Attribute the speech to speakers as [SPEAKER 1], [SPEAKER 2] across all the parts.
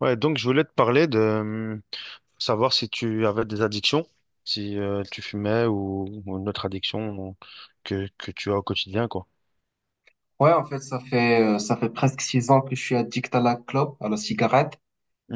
[SPEAKER 1] Ouais, donc je voulais te parler de savoir si tu avais des addictions, si tu fumais ou une autre addiction que tu as au quotidien, quoi.
[SPEAKER 2] Ouais, en fait, ça fait presque 6 ans que je suis addict à la clope, à la cigarette.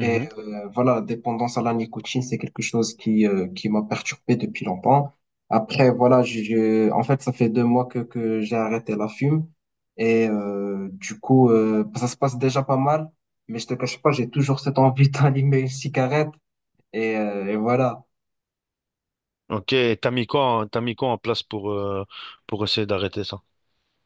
[SPEAKER 2] Et voilà, la dépendance à la nicotine, c'est quelque chose qui m'a perturbé depuis longtemps. Après, voilà, en fait, ça fait 2 mois que j'ai arrêté la fume. Du coup, ça se passe déjà pas mal. Mais je te cache pas, j'ai toujours cette envie d'allumer une cigarette. Et voilà.
[SPEAKER 1] Ok, et t'as mis quoi, t'as mis quoi en place pour essayer d'arrêter ça?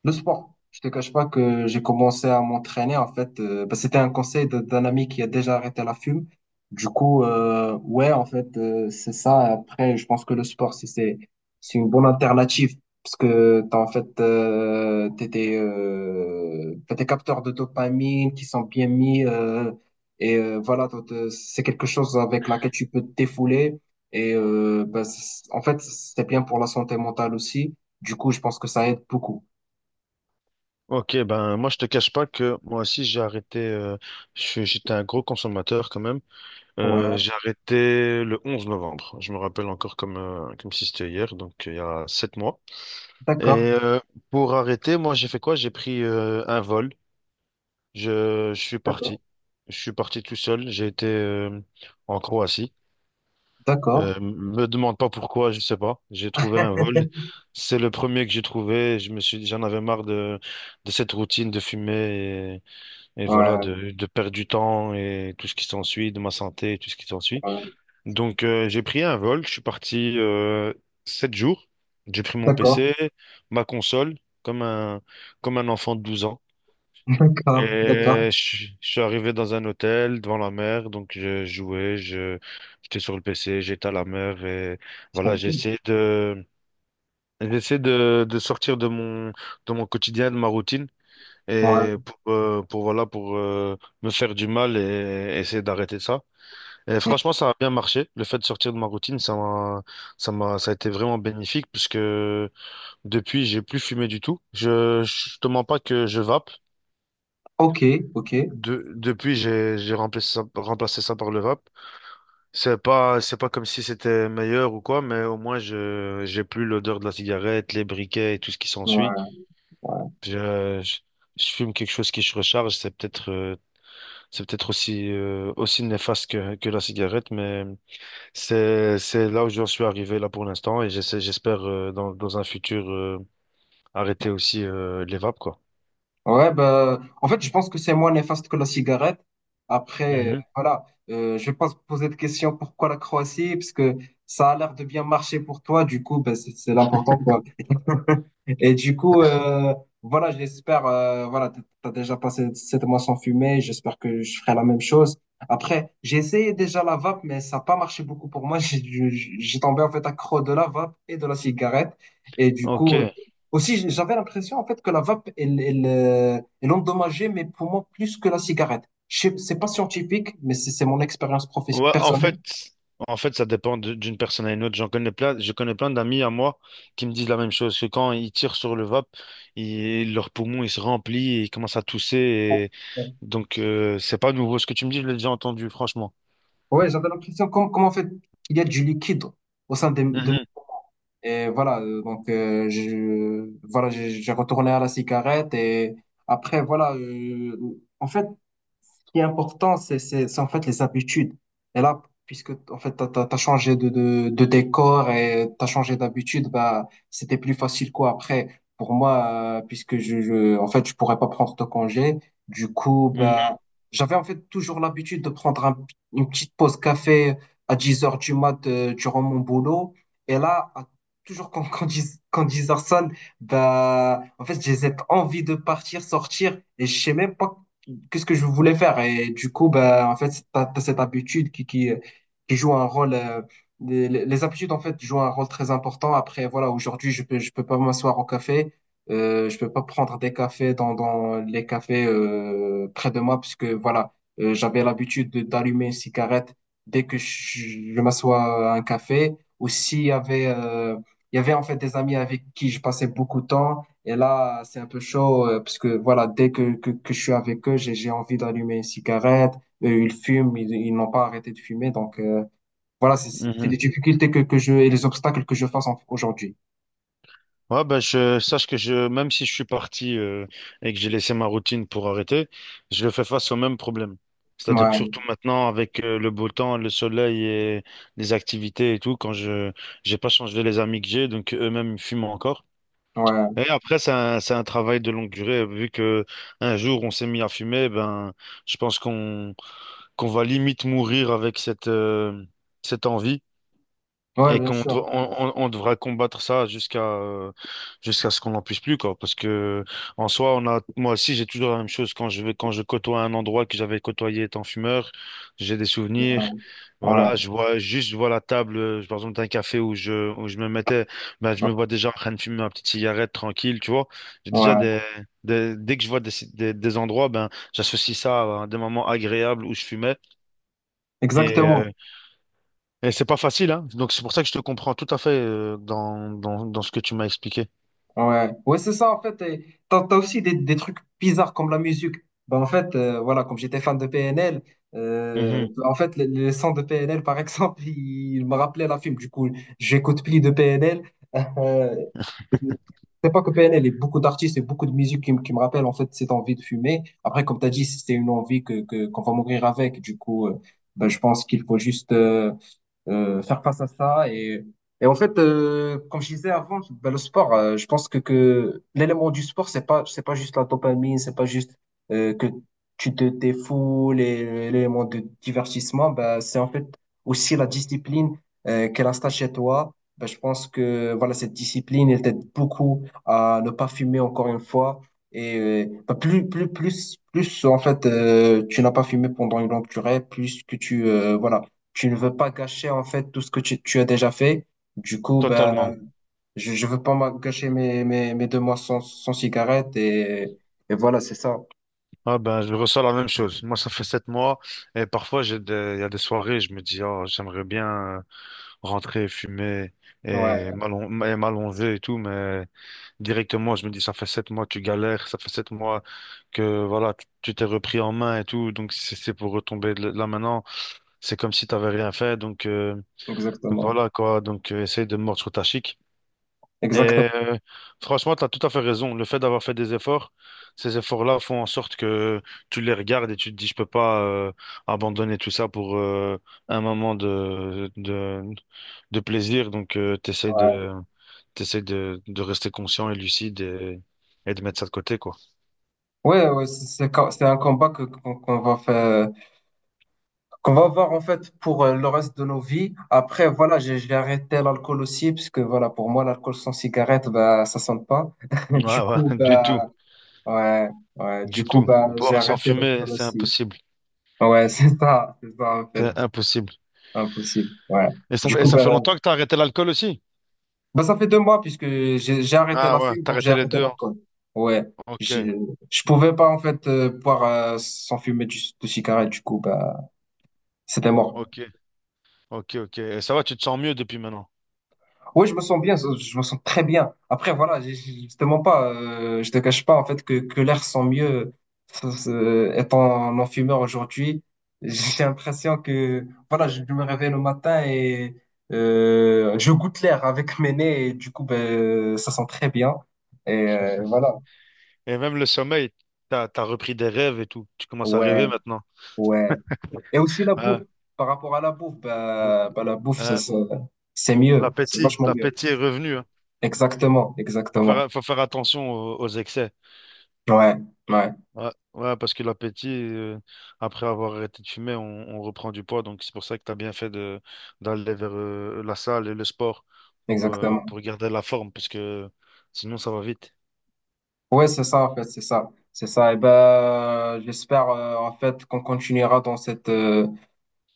[SPEAKER 2] Le sport. Je te cache pas que j'ai commencé à m'entraîner en fait. Bah, c'était un conseil d'un ami qui a déjà arrêté la fume. Du coup, ouais, en fait, c'est ça. Après, je pense que le sport, c'est une bonne alternative parce que t'as en fait t'as des capteurs de dopamine qui sont bien mis. Et voilà, donc, c'est quelque chose avec laquelle tu peux te défouler. Et bah, en fait, c'est bien pour la santé mentale aussi. Du coup, je pense que ça aide beaucoup.
[SPEAKER 1] Ok, ben moi je te cache pas que moi aussi j'ai arrêté, j'étais un gros consommateur quand même.
[SPEAKER 2] Ouais,
[SPEAKER 1] J'ai arrêté le 11 novembre, je me rappelle encore comme, comme si c'était hier, donc il y a 7 mois. Et
[SPEAKER 2] d'accord,
[SPEAKER 1] pour arrêter, moi j'ai fait quoi? J'ai pris un vol. Je suis
[SPEAKER 2] d'accord.
[SPEAKER 1] parti. Je suis parti tout seul. J'ai été en Croatie.
[SPEAKER 2] D'accord.
[SPEAKER 1] Me demande pas pourquoi, je sais pas. J'ai trouvé un vol. C'est le premier que j'ai trouvé. Je me suis dit, j'en avais marre de cette routine de fumer et voilà,
[SPEAKER 2] Ouais,
[SPEAKER 1] de perdre du temps et tout ce qui s'ensuit, de ma santé et tout ce qui s'ensuit.
[SPEAKER 2] ouais.
[SPEAKER 1] Donc, j'ai pris un vol. Je suis parti 7 jours. J'ai pris mon
[SPEAKER 2] D'accord.
[SPEAKER 1] PC, ma console, comme un, comme un enfant de 12 ans.
[SPEAKER 2] D'accord, d'accord.
[SPEAKER 1] Et je suis arrivé dans un hôtel devant la mer, donc je jouais, j'étais sur le PC, j'étais à la mer et
[SPEAKER 2] Très
[SPEAKER 1] voilà,
[SPEAKER 2] bien.
[SPEAKER 1] j'essaie de sortir de mon quotidien, de ma routine
[SPEAKER 2] Ouais.
[SPEAKER 1] et pour voilà, pour me faire du mal essayer d'arrêter ça. Et
[SPEAKER 2] Mm.
[SPEAKER 1] franchement, ça a bien marché. Le fait de sortir de ma routine, ça a été vraiment bénéfique puisque depuis, j'ai plus fumé du tout. Je te mens pas que je vape.
[SPEAKER 2] Ok, ok. Ouais,
[SPEAKER 1] Depuis, j'ai remplacé ça par le rap. C'est pas comme si c'était meilleur ou quoi, mais au moins, je j'ai plus l'odeur de la cigarette, les briquets et tout ce qui s'ensuit.
[SPEAKER 2] ouais.
[SPEAKER 1] Je, je, je fume quelque chose qui se recharge. C'est peut-être aussi, aussi néfaste que la cigarette, mais c'est là où j'en suis arrivé là pour l'instant et j'essaie, j'espère, dans un futur, arrêter aussi, les vapes, quoi.
[SPEAKER 2] Ouais, bah, en fait, je pense que c'est moins néfaste que la cigarette, après,
[SPEAKER 1] Mhm.
[SPEAKER 2] voilà, je vais pas se poser de questions pourquoi la Croatie, parce que ça a l'air de bien marcher pour toi. Du coup, bah, c'est l'important. Et du coup, voilà, j'espère, voilà, t'as as déjà passé 7 mois sans fumer, j'espère que je ferai la même chose. Après, j'ai essayé déjà la vape, mais ça n'a pas marché beaucoup pour moi. J'ai tombé en fait accro de la vape et de la cigarette. Et du coup,
[SPEAKER 1] Ok.
[SPEAKER 2] aussi, j'avais l'impression en fait que la vape, elle endommageait mes poumons plus que la cigarette. C'est pas scientifique, mais c'est mon expérience professionnelle
[SPEAKER 1] Ouais, en
[SPEAKER 2] personnelle.
[SPEAKER 1] fait, ça dépend d'une personne à une autre. J'en connais plein, je connais plein d'amis à moi qui me disent la même chose, que quand ils tirent sur le vape, leur poumon il se remplit et ils commencent à tousser. Donc, c'est pas nouveau. Ce que tu me dis, je l'ai déjà entendu, franchement.
[SPEAKER 2] Ouais, j'avais l'impression comme en fait, il y a du liquide au sein de
[SPEAKER 1] Mhm,
[SPEAKER 2] Et voilà, donc je, voilà, j'ai retourné à la cigarette. Et après, voilà, en fait, qui est important, c'est en fait les habitudes. Et là, puisque en fait, t'as changé de décor et t'as changé d'habitude, bah, c'était plus facile quoi. Après, pour moi, puisque en fait, je pourrais pas prendre de congé, du coup,
[SPEAKER 1] mhm,
[SPEAKER 2] bah, j'avais en fait toujours l'habitude de prendre une petite pause café à 10 heures du mat, durant mon boulot. Et là, toujours 10, quand 10 heures sonne, bah, en fait, j'ai cette envie de partir, sortir, et je sais même pas qu'est-ce que je voulais faire. Et du coup, bah, en fait, t'as cette habitude qui joue un rôle; les habitudes, en fait, jouent un rôle très important. Après, voilà, aujourd'hui, je peux pas m'asseoir au café. Je peux pas prendre des cafés dans les cafés près de moi, puisque, voilà, j'avais l'habitude d'allumer une cigarette dès que je m'assois à un café. Ou s'il y avait, il y avait, en fait, des amis avec qui je passais beaucoup de temps. Et là, c'est un peu chaud, parce que voilà, dès que je suis avec eux, j'ai envie d'allumer une cigarette. Eux, ils fument, ils n'ont pas arrêté de fumer. Donc voilà, c'est
[SPEAKER 1] mhm.
[SPEAKER 2] les difficultés que je et les obstacles que je face aujourd'hui.
[SPEAKER 1] Ouais, bah, je sache que même si je suis parti et que j'ai laissé ma routine pour arrêter, je fais face au même problème. C'est-à-dire que
[SPEAKER 2] Ouais,
[SPEAKER 1] surtout maintenant, avec le beau temps, le soleil et les activités et tout, quand je j'ai pas changé les amis que j'ai, donc eux-mêmes ils fument encore.
[SPEAKER 2] ouais.
[SPEAKER 1] Et après, c'est un travail de longue durée. Vu que un jour on s'est mis à fumer, ben je pense qu'on va limite mourir avec cette envie.
[SPEAKER 2] Ouais,
[SPEAKER 1] Et
[SPEAKER 2] bien
[SPEAKER 1] qu'on dev-
[SPEAKER 2] sûr.
[SPEAKER 1] on devra combattre ça jusqu'à ce qu'on n'en puisse plus, quoi. Parce que en soi, on a, moi aussi, j'ai toujours la même chose quand je côtoie un endroit que j'avais côtoyé étant fumeur, j'ai des souvenirs.
[SPEAKER 2] Ouais, ouais,
[SPEAKER 1] Voilà, je vois juste, je vois la table, par exemple, d'un café où je me mettais, ben, je me vois déjà en train de fumer ma petite cigarette tranquille, tu vois. J'ai déjà
[SPEAKER 2] ouais.
[SPEAKER 1] des- Dès que je vois des endroits, ben, j'associe ça à des moments agréables où je fumais. Et euh,
[SPEAKER 2] Exactement.
[SPEAKER 1] et c'est pas facile, hein. Donc c'est pour ça que je te comprends tout à fait dans ce que tu m'as expliqué.
[SPEAKER 2] Ouais, ouais, c'est ça en fait. Et t'as aussi des trucs bizarres comme la musique. Ben, en fait, voilà, comme j'étais fan de PNL,
[SPEAKER 1] Mhm,
[SPEAKER 2] en fait, les sons de PNL, par exemple, ils me rappelaient la film. Du coup, j'écoute plus de PNL. Euh, c'est pas que PNL, a beaucoup d'artistes et beaucoup de musique qui me rappellent en fait cette envie de fumer. Après, comme tu as dit, c'est une envie qu'on va mourir avec. Du coup, ben, je pense qu'il faut juste, faire face à ça. Et en fait, comme je disais avant, ben, le sport, je pense que l'élément du sport, c'est pas juste la dopamine, c'est pas juste que tu te défoules, et l'élément de divertissement, ben, c'est en fait aussi la discipline, qu'elle installe chez toi. Ben, je pense que voilà, cette discipline, elle t'aide beaucoup à ne pas fumer encore une fois. Et ben, plus, en fait, tu n'as pas fumé pendant une longue durée, plus que voilà, tu ne veux pas gâcher en fait tout ce que tu as déjà fait. Du coup, ben,
[SPEAKER 1] totalement.
[SPEAKER 2] je veux pas gâcher mes, mes 2 mois sans cigarette, et voilà, c'est ça.
[SPEAKER 1] Ah ben, je ressens la même chose. Moi, ça fait 7 mois et parfois il y a des soirées, je me dis, oh, j'aimerais bien euh, rentrer, fumer
[SPEAKER 2] Ouais,
[SPEAKER 1] et m'allonger et tout, mais directement, je me dis, ça fait 7 mois, tu galères, ça fait 7 mois que voilà, tu t'es repris en main et tout, donc c'est pour retomber là maintenant, c'est comme si t'avais rien fait, donc
[SPEAKER 2] exactement.
[SPEAKER 1] voilà quoi, donc essaye de mordre sur ta chic.
[SPEAKER 2] Exactement.
[SPEAKER 1] Et franchement, tu as tout à fait raison. Le fait d'avoir fait des efforts, ces efforts-là font en sorte que tu les regardes et tu te dis, je peux pas abandonner tout ça pour un moment de plaisir. Donc,
[SPEAKER 2] Ouais,
[SPEAKER 1] t'essaies de rester conscient et lucide et de mettre ça de côté, quoi.
[SPEAKER 2] ouais, ouais, c'est un combat que qu'on qu'on va faire, qu'on va avoir en fait pour le reste de nos vies. Après, voilà, j'ai arrêté l'alcool aussi parce que voilà, pour moi, l'alcool sans cigarette, bah, ça sonne pas.
[SPEAKER 1] Ouais,
[SPEAKER 2] Du
[SPEAKER 1] ouais,
[SPEAKER 2] coup,
[SPEAKER 1] du tout,
[SPEAKER 2] bah, ouais, ouais,
[SPEAKER 1] du
[SPEAKER 2] du coup,
[SPEAKER 1] tout.
[SPEAKER 2] bah, j'ai
[SPEAKER 1] Boire sans
[SPEAKER 2] arrêté
[SPEAKER 1] fumer,
[SPEAKER 2] l'alcool
[SPEAKER 1] c'est
[SPEAKER 2] aussi.
[SPEAKER 1] impossible.
[SPEAKER 2] Ouais, c'est ça en fait,
[SPEAKER 1] C'est impossible.
[SPEAKER 2] impossible. Ouais.
[SPEAKER 1] Et ça,
[SPEAKER 2] Du
[SPEAKER 1] et
[SPEAKER 2] coup,
[SPEAKER 1] ça
[SPEAKER 2] ben,
[SPEAKER 1] fait longtemps que tu as arrêté l'alcool aussi?
[SPEAKER 2] ça fait deux mois puisque j'ai arrêté
[SPEAKER 1] Ah
[SPEAKER 2] la
[SPEAKER 1] ouais,
[SPEAKER 2] fume, donc j'ai
[SPEAKER 1] t'arrêtais les
[SPEAKER 2] arrêté
[SPEAKER 1] deux, hein.
[SPEAKER 2] l'alcool. Ouais,
[SPEAKER 1] Ok,
[SPEAKER 2] j'ai- je pouvais pas en fait boire sans fumer de cigarette, du coup, ben c'était mort.
[SPEAKER 1] ok, ok, ok. Et ça va, tu te sens mieux depuis maintenant.
[SPEAKER 2] Oui, je me sens bien, je me sens très bien. Après, voilà, je te cache pas en fait que l'air sent mieux, ça, ça, étant non-fumeur aujourd'hui. J'ai l'impression que voilà, je me réveille le matin et je goûte l'air avec mes nez et du coup, ben, ça sent très bien. Et voilà.
[SPEAKER 1] Et même le sommeil, t'as repris des rêves et tout. Tu commences à rêver
[SPEAKER 2] Ouais,
[SPEAKER 1] maintenant.
[SPEAKER 2] ouais. Et aussi la bouffe.
[SPEAKER 1] Ah,
[SPEAKER 2] Par rapport à la bouffe,
[SPEAKER 1] l-
[SPEAKER 2] la bouffe,
[SPEAKER 1] ah,
[SPEAKER 2] c'est mieux, c'est
[SPEAKER 1] l'appétit,
[SPEAKER 2] vachement mieux.
[SPEAKER 1] est revenu, hein.
[SPEAKER 2] Exactement, exactement.
[SPEAKER 1] Faut faire attention aux excès.
[SPEAKER 2] Ouais, ouais,
[SPEAKER 1] Ouais, ouais, parce que l'appétit, après avoir arrêté de fumer, on reprend du poids. Donc c'est pour ça que t'as bien fait d'aller vers la salle et le sport
[SPEAKER 2] exactement.
[SPEAKER 1] pour garder la forme, parce que sinon ça va vite.
[SPEAKER 2] Ouais, c'est ça, en fait, c'est ça. C'est ça. Et ben, j'espère, en fait, qu'on continuera dans cette, euh,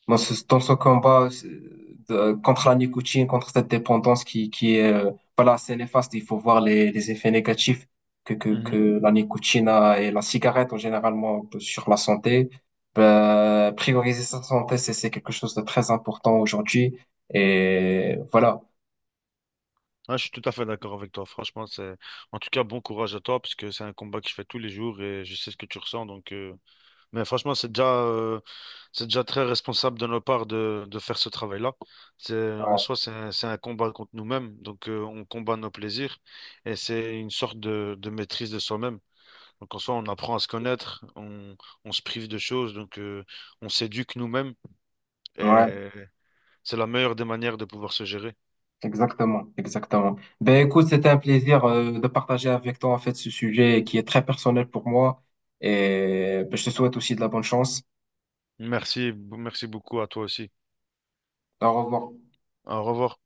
[SPEAKER 2] dans ce, dans ce combat contre la nicotine, contre cette dépendance qui est, voilà, assez néfaste. Il faut voir les effets négatifs
[SPEAKER 1] Mhm.
[SPEAKER 2] que la nicotine a, et la cigarette, en généralement, sur la santé. Ben, prioriser sa santé, c'est quelque chose de très important aujourd'hui. Et voilà.
[SPEAKER 1] Ah, je suis tout à fait d'accord avec toi. Franchement, c'est en tout cas bon courage à toi parce que c'est un combat que je fais tous les jours et je sais ce que tu ressens. Donc, mais franchement, c'est déjà très responsable de notre part de faire ce travail-là. C'est en
[SPEAKER 2] Ouais.
[SPEAKER 1] soi, c'est un combat contre nous-mêmes. Donc, on combat nos plaisirs et c'est une sorte de maîtrise de soi-même. Donc, en soi, on apprend à se connaître, on se prive de choses, donc on s'éduque nous-mêmes
[SPEAKER 2] Ouais.
[SPEAKER 1] et c'est la meilleure des manières de pouvoir se gérer.
[SPEAKER 2] Exactement, exactement. Ben écoute, c'était un plaisir de partager avec toi en fait ce sujet qui est très personnel pour moi, et ben, je te souhaite aussi de la bonne chance.
[SPEAKER 1] Merci, merci beaucoup à toi aussi.
[SPEAKER 2] Au revoir.
[SPEAKER 1] Au revoir.